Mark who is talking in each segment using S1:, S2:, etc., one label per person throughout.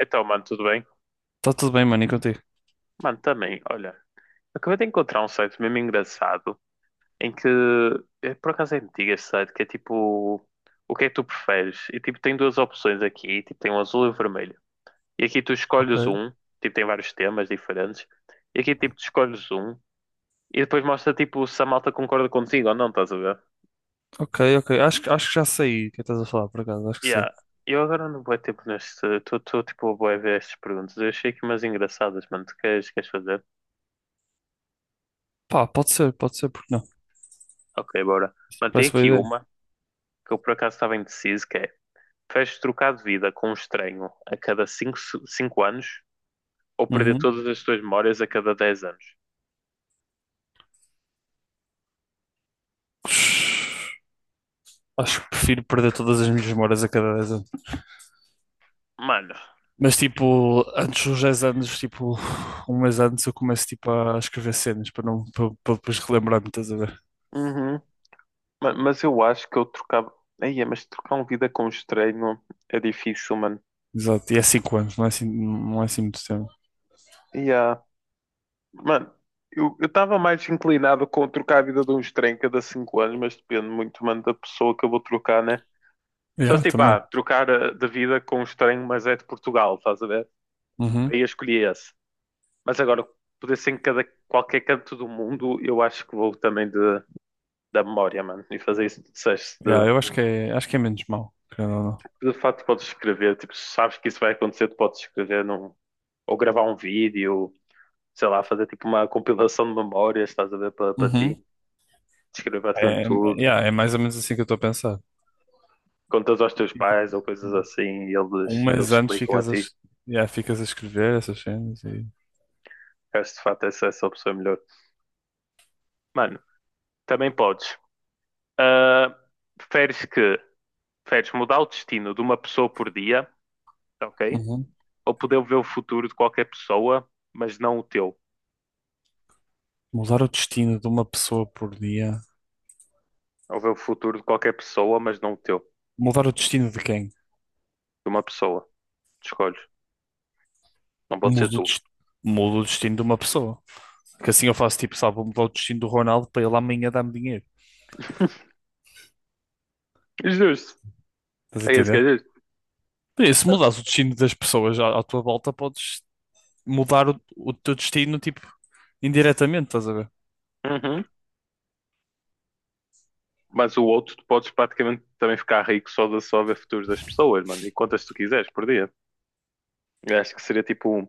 S1: Então, mano, tudo bem?
S2: Está tudo bem, mano, e contigo?
S1: Mano, também, olha, acabei de encontrar um site mesmo engraçado em que por acaso é antigo este site, que é tipo o que é que tu preferes? E tipo tem duas opções aqui, tipo tem o azul e o vermelho. E aqui tu escolhes
S2: Ok.
S1: um, tipo tem vários temas diferentes, e aqui tipo tu escolhes um e depois mostra tipo se a malta concorda contigo ou não, estás a ver?
S2: Ok, ok. Acho que já sei o que estás a falar, por acaso. Acho que sei.
S1: Yeah. Eu agora não vou tempo neste. Estou tipo a bué ver estas perguntas. Eu achei aqui umas engraçadas, mano. Tu queres, queres fazer?
S2: Pá, pode ser, porque não?
S1: Ok, bora. Mano, tem
S2: Parece boa
S1: aqui
S2: ideia.
S1: uma. Que eu por acaso estava indeciso, que é preferes trocar de vida com um estranho a cada cinco anos ou perder
S2: Uhum.
S1: todas as tuas memórias a cada 10 anos?
S2: Acho que prefiro perder todas as minhas memórias a cada 10 anos.
S1: Mano,
S2: Mas, tipo, antes dos 10 anos, tipo, um mês antes, eu começo, tipo, a escrever cenas para não, para depois relembrar-me, estás a ver?
S1: uhum. Mas eu acho que eu trocava. Aí, mas trocar uma vida com um estranho é difícil, mano.
S2: Exato. E é 5 anos, não é assim muito tempo.
S1: Yeah. Mano, eu estava mais inclinado com trocar a vida de um estranho cada cinco anos, mas depende muito, mano, da pessoa que eu vou trocar, né? Só
S2: Yeah,
S1: se tipo,
S2: também.
S1: ah, trocar de vida com um estranho, mas é de Portugal, estás a ver?
S2: Uhum.
S1: Aí eu escolhi esse. Mas agora, poder ser em cada, qualquer canto do mundo, eu acho que vou também de, da memória, mano. E fazer isso que tu disseste.
S2: Yeah, eu acho que é menos mal, querendo ou não.
S1: De facto, podes escrever. Tipo, se sabes que isso vai acontecer, tu podes escrever num, ou gravar um vídeo, sei lá, fazer tipo uma compilação de memórias, estás a ver, para para ti.
S2: Uhum.
S1: Escrever praticamente
S2: É,
S1: tudo.
S2: yeah, é mais ou menos assim que eu estou a pensar.
S1: Contas aos teus
S2: E, tipo,
S1: pais ou coisas assim e
S2: um
S1: eles
S2: mês antes
S1: explicam a ti.
S2: yeah, ficas a escrever essas cenas e...
S1: Acho que de facto essa, essa opção é melhor. Mano, também podes. Ah, preferes que preferes mudar o destino de uma pessoa por dia, ok?
S2: Uhum.
S1: Ou poder ver o futuro de qualquer pessoa, mas não o teu.
S2: Mudar o destino de uma pessoa por dia.
S1: Ou ver o futuro de qualquer pessoa, mas não o teu. De
S2: Mudar o destino de quem?
S1: uma pessoa. Escolhes. Não pode ser
S2: Mudo o,
S1: tu.
S2: des- mudo o destino de uma pessoa. Que assim eu faço tipo, sabe, vou mudar o destino do Ronaldo para ele amanhã dar-me dinheiro.
S1: Justo.
S2: Estás a
S1: É isso que
S2: entender?
S1: é justo.
S2: Por isso, se mudares o destino das pessoas à tua volta, podes mudar o teu destino, tipo, indiretamente, estás a ver?
S1: Uhum. Mas o outro, tu podes praticamente também ficar rico só de só ver futuros das pessoas, mano. E quantas tu quiseres por dia. Eu acho que seria tipo.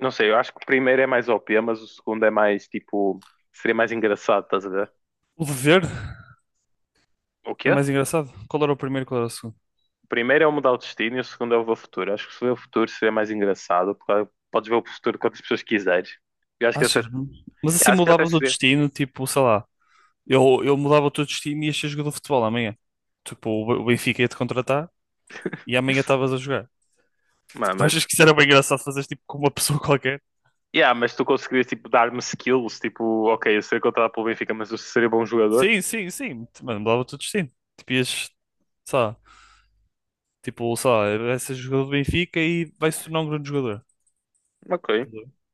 S1: Não sei, eu acho que o primeiro é mais OP, mas o segundo é mais tipo. Seria mais engraçado, estás a ver?
S2: O dever
S1: O
S2: é
S1: quê?
S2: mais engraçado. Qual era o primeiro, qual era o segundo?
S1: O primeiro é o mudar o destino e o segundo é o ver o futuro. Acho que se ver o futuro seria mais engraçado, porque claro, podes ver o futuro quantas pessoas quiseres. Eu acho que,
S2: Achas? Mas assim
S1: acho que até
S2: mudavas o
S1: seria.
S2: destino, tipo, sei lá. Eu mudava todos os times e ia ser jogador de futebol amanhã. Tipo, o Benfica ia-te contratar e amanhã estavas a jogar.
S1: Mas,
S2: Tipo, tu achas
S1: mas,
S2: que isso era bem engraçado fazer tipo com uma pessoa qualquer?
S1: yeah, mas tu conseguirias tipo, dar-me skills, tipo, ok, eu sei contratado pelo Benfica, mas eu seria bom jogador.
S2: Sim, sim, sim. Mano, mudava todos os times. Tipo, ias, sei lá, tipo, sei lá, vai ser jogador do Benfica e vai se tornar um grande jogador.
S1: Ok,
S2: Estás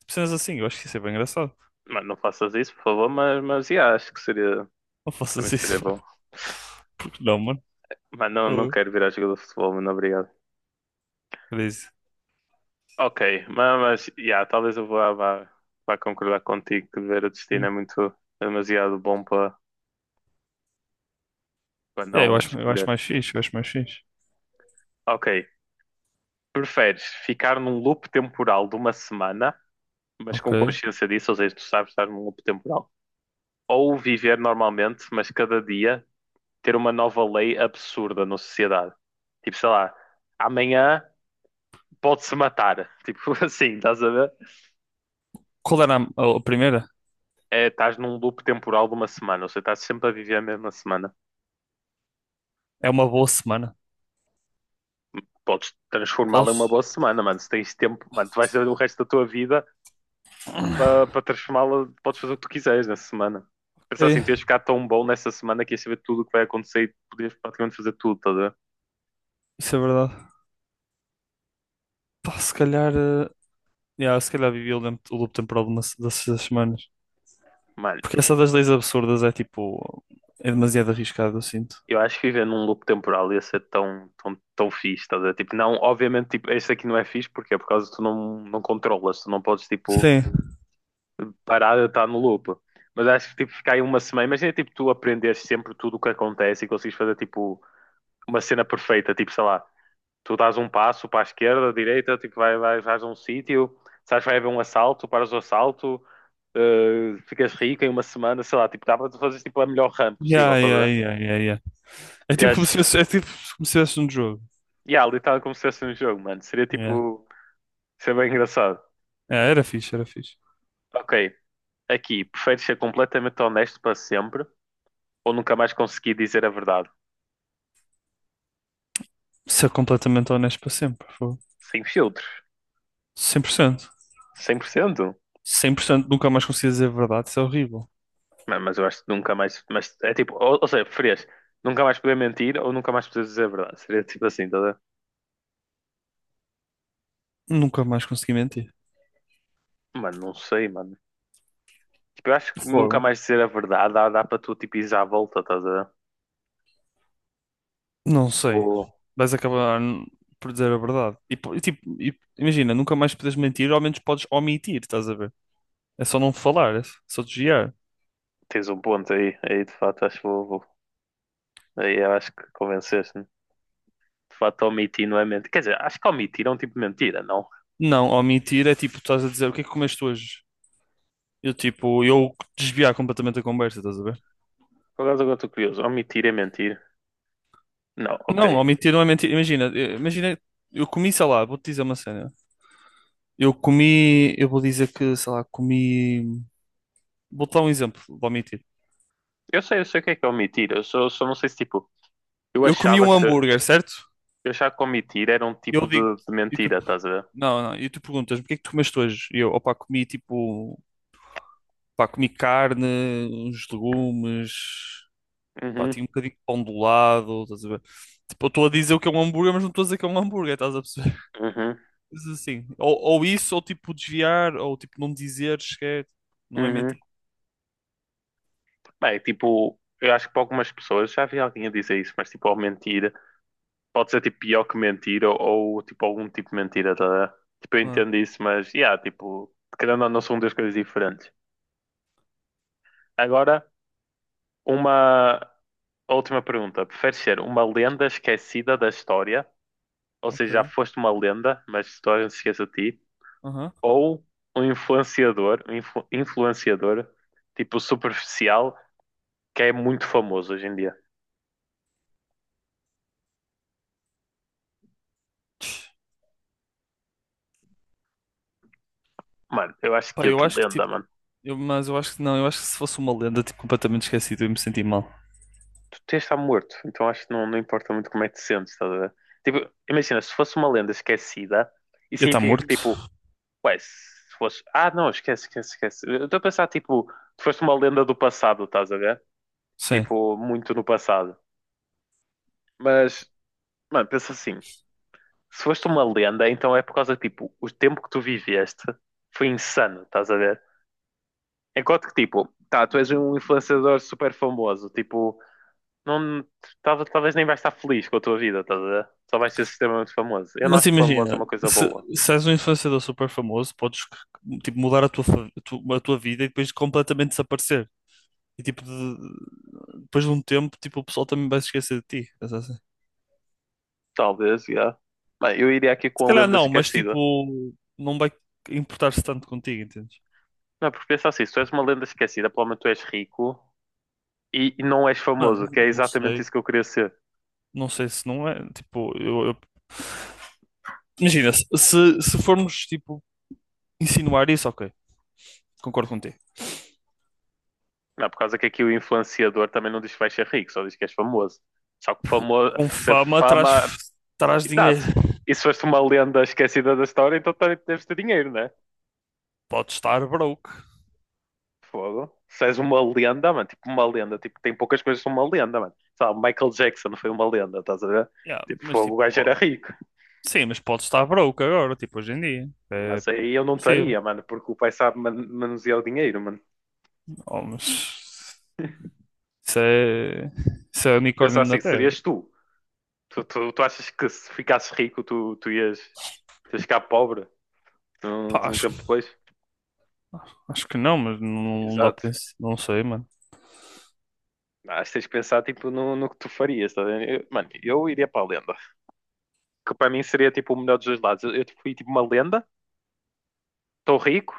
S2: Tipo, cenas assim, eu acho que isso é bem engraçado.
S1: mas não faças isso, por favor, mas yeah, acho que seria,
S2: Não
S1: também
S2: faças
S1: seria
S2: isso.
S1: bom.
S2: Porque não, mano?
S1: Mas não, não
S2: Oh,
S1: quero virar jogador de futebol, mano, obrigado.
S2: crazy.
S1: Ok, mas yeah, talvez eu vá concordar contigo que ver o destino
S2: Hum.
S1: é muito é demasiado bom para para
S2: É, eu
S1: não
S2: acho, eu acho
S1: escolher.
S2: mais fixe, eu acho mais fixe.
S1: Ok. Preferes ficar num loop temporal de uma semana, mas
S2: Ok.
S1: com consciência disso, ou seja, tu sabes estar num loop temporal, ou viver normalmente, mas cada dia ter uma nova lei absurda na sociedade. Tipo, sei lá, amanhã pode-se matar. Tipo assim, estás a ver?
S2: Qual era a primeira?
S1: É, estás num loop temporal de uma semana, ou seja, estás sempre a viver a mesma semana.
S2: É uma boa semana.
S1: Podes transformá-la em
S2: Posso?
S1: uma boa semana, mano. Se tens tempo, mano, tu vais saber o resto da tua vida para para transformá-la, podes fazer o que tu quiseres nessa semana. Pensar assim, tu ias
S2: Ok.
S1: ficar tão bom nessa semana que ias saber tudo o que vai acontecer e podias praticamente fazer tudo, tá a ver?
S2: Isso é verdade. Pá, se calhar, yeah, se calhar vivi o loop temporal de uma se- dessas das semanas.
S1: Mano,
S2: Porque essa das leis absurdas é tipo. É demasiado arriscado, eu sinto.
S1: eu acho que viver num loop temporal ia ser tão, tão, tão fixe, tá a ver? Tipo, não, obviamente, tipo, este aqui não é fixe, porque é por causa que tu não, não controlas, tu não podes, tipo,
S2: Sim.
S1: parar de estar no loop. Mas acho que, tipo, ficar aí uma semana, imagina, tipo, tu aprenderes sempre tudo o que acontece e consegues fazer, tipo, uma cena perfeita, tipo, sei lá, tu dás um passo para a esquerda, direita, tipo, vais a um sítio, sabes, vai haver um assalto, paras o assalto, ficas rico em uma semana, sei lá, tipo, dá para tu fazeres tipo, a melhor run possível,
S2: Yeah,
S1: estás a
S2: yeah,
S1: ver?
S2: yeah, yeah, yeah. É
S1: E
S2: tipo como
S1: acho,
S2: se fosse, é tipo como se fosse um jogo.
S1: yeah, literalmente como se fosse um jogo, mano, seria
S2: Yeah.
S1: tipo, seria bem engraçado.
S2: É, era fixe, era fixe.
S1: Ok, aqui, preferes ser completamente honesto para sempre ou nunca mais conseguir dizer a verdade?
S2: Ser completamente honesto para sempre. Fogo.
S1: Sem filtros,
S2: 100%.
S1: 100%?
S2: 100%. Nunca mais consegui dizer a verdade. Isso é horrível.
S1: Mas eu acho que nunca mais, mas é tipo, ou seja, preferias nunca mais poder mentir ou nunca mais poder dizer a verdade? Seria tipo assim, tá a ver?
S2: Nunca mais consegui mentir.
S1: Mano, não sei, mano. Tipo, eu acho que nunca
S2: Fogo.
S1: mais dizer a verdade dá, dá para tu, tipo, ires à volta, estás a... ver?
S2: Não
S1: Tipo,
S2: sei. Vais acabar n- por dizer a verdade. E, tipo, imagina, nunca mais podes mentir, ao menos podes omitir, estás a ver? É só não falar, é só desviar.
S1: tens um ponto aí. Aí, de fato, acho que Aí eu acho que convenceste-me. De fato, omitir não é mentir. Quer dizer, acho que omitir é um tipo de mentira, não?
S2: Não, omitir é tipo, estás a dizer o que é que comeste hoje? Eu tipo, eu desviar completamente a conversa, estás a ver?
S1: Por acaso agora estou curioso. Omitir é mentir? Não, ok.
S2: Não, omitir não é mentir. Imagina, imagina, eu comi, sei lá, vou-te dizer uma cena. Eu comi, eu vou dizer que, sei lá, comi. Vou-te dar um exemplo, vou omitir.
S1: Eu sei o que é omitir. Eu só, só não sei se, tipo... Eu
S2: Eu comi
S1: achava
S2: um
S1: que...
S2: hambúrguer, certo?
S1: Eu achava que omitir era um
S2: E
S1: tipo
S2: eu digo,
S1: de mentira, estás a ver?
S2: não, não. E tu perguntas-me, o que é que tu comeste hoje? E eu, opá, comi tipo, pá, comi carne, uns legumes, pá,
S1: Uhum,
S2: tinha um bocadinho de pão do lado, estás a ver? Tipo, eu estou a dizer o que é um hambúrguer, mas não estou a dizer que é um hambúrguer, estás a perceber?
S1: uhum,
S2: Mas assim, ou isso, ou tipo desviar, ou tipo não dizer sequer, não é
S1: uhum.
S2: mentir.
S1: Bem, tipo... Eu acho que para algumas pessoas, já vi alguém a dizer isso, mas tipo, ao mentir... pode ser tipo pior que mentira ou, tipo algum tipo de mentira, tá a ver? Tipo, eu
S2: Ah,
S1: entendo isso, mas yeah, tipo, querendo ou não são duas coisas diferentes. Agora, uma última pergunta. Preferes ser uma lenda esquecida da história, ou
S2: ok.
S1: seja, já foste uma lenda, mas a história se esquece de ti,
S2: Aham.
S1: ou um influenciador, influenciador tipo superficial que é muito famoso hoje em dia. Mano, eu acho que
S2: Pá,
S1: é
S2: eu
S1: de
S2: acho que
S1: lenda,
S2: tipo,
S1: mano.
S2: mas eu acho que não, eu acho que se fosse uma lenda, tipo, completamente esquecido, eu ia me sentir mal.
S1: Tu tens de estar morto, então acho que não, não importa muito como é que te sentes, estás a ver? Tipo, imagina, se fosse uma lenda esquecida, isso
S2: Ia estar
S1: significa que,
S2: morto?
S1: tipo, ué, se fosse. Ah, não, esquece. Eu estou a pensar, tipo, tu foste uma lenda do passado, estás a ver?
S2: Sim.
S1: Tipo, muito no passado. Mas, mano, pensa assim, se foste uma lenda, então é por causa, tipo, o tempo que tu viveste foi insano, estás a ver? Enquanto que, tipo, tá, tu és um influenciador super famoso, tipo não, talvez, talvez nem vais estar feliz com a tua vida, estás a ver? Só vais ser extremamente famoso. Eu não
S2: Mas
S1: acho que famoso é
S2: imagina,
S1: uma coisa
S2: se,
S1: boa.
S2: se és um influenciador super famoso, podes tipo, mudar a tua, fa- a tu- a tua vida e depois completamente desaparecer. E tipo, depois de um tempo, tipo, o pessoal também vai se esquecer de ti. Pensa assim.
S1: Talvez, já. Bem, eu iria aqui
S2: Se
S1: com a
S2: calhar
S1: lenda
S2: não, mas
S1: esquecida.
S2: tipo, não vai importar-se tanto contigo, entendes?
S1: Não, porque pensa assim, se tu és uma lenda esquecida, pelo menos tu és rico e não és
S2: Mano,
S1: famoso,
S2: não,
S1: que é
S2: não
S1: exatamente
S2: sei.
S1: isso que eu queria ser.
S2: Não sei se não é. Tipo, imagina, se formos tipo, insinuar isso, ok, concordo contigo.
S1: Não, por causa que aqui o influenciador também não diz que vais ser rico, só diz que és famoso. Só que famoso,
S2: Com
S1: ser
S2: fama traz,
S1: fama.
S2: traz dinheiro.
S1: Exato. E se foste uma lenda esquecida da história, então também deves ter dinheiro, né?
S2: Pode estar broke.
S1: Fogo. Se és uma lenda, mano, tipo uma lenda, tipo, tem poucas coisas que são uma lenda, mano. Sabe, Michael Jackson foi uma lenda, estás a ver?
S2: Yeah,
S1: Tipo,
S2: mas
S1: fogo, o
S2: tipo,
S1: gajo era
S2: ó,
S1: rico.
S2: sim, mas pode estar broke agora, tipo hoje em dia. É
S1: Mas aí eu não
S2: possível.
S1: estaria, mano, porque o pai sabe manusear o dinheiro, mano.
S2: Oh, mas isso é, isso é
S1: Pensa
S2: unicórnio na
S1: assim,
S2: Terra.
S1: serias tu. Tu achas que se ficasses rico, tu ias, tu ias ficar pobre um,
S2: Pá,
S1: um
S2: acho,
S1: tempo depois?
S2: acho que não, mas não, não dá
S1: Exato.
S2: para isso. Não sei, mano.
S1: Mas tens de pensar, tipo, no, no que tu farias, tá a Mano, eu iria para a lenda. Que para mim seria, tipo, o melhor dos dois lados. Eu tipo, fui, tipo, uma lenda, estou rico,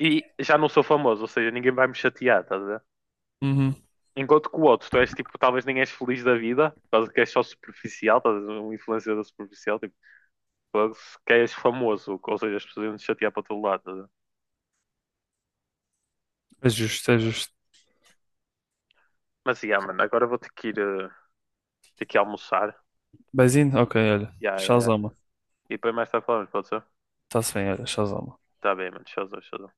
S1: e já não sou famoso, ou seja, ninguém vai me chatear, estás a ver?
S2: Uhum.
S1: Enquanto que o outro, tu és tipo, talvez nem és feliz da vida, por causa que és só superficial, estás a ver? Um influenciador superficial, tipo, fogo, que és famoso, ou seja, as pessoas iam te chatear para todo lado, estás a ver?
S2: É justo, é justo.
S1: Mas, yeah, mano, agora vou ter que ir, ter que ir almoçar,
S2: Beijinho? Ok, olha.
S1: yeah.
S2: Shazama.
S1: E depois mais tarde falamos, pode ser?
S2: Está-se bem, olha. Shazama.
S1: Tá bem, mano, tchauzão, tchauzão.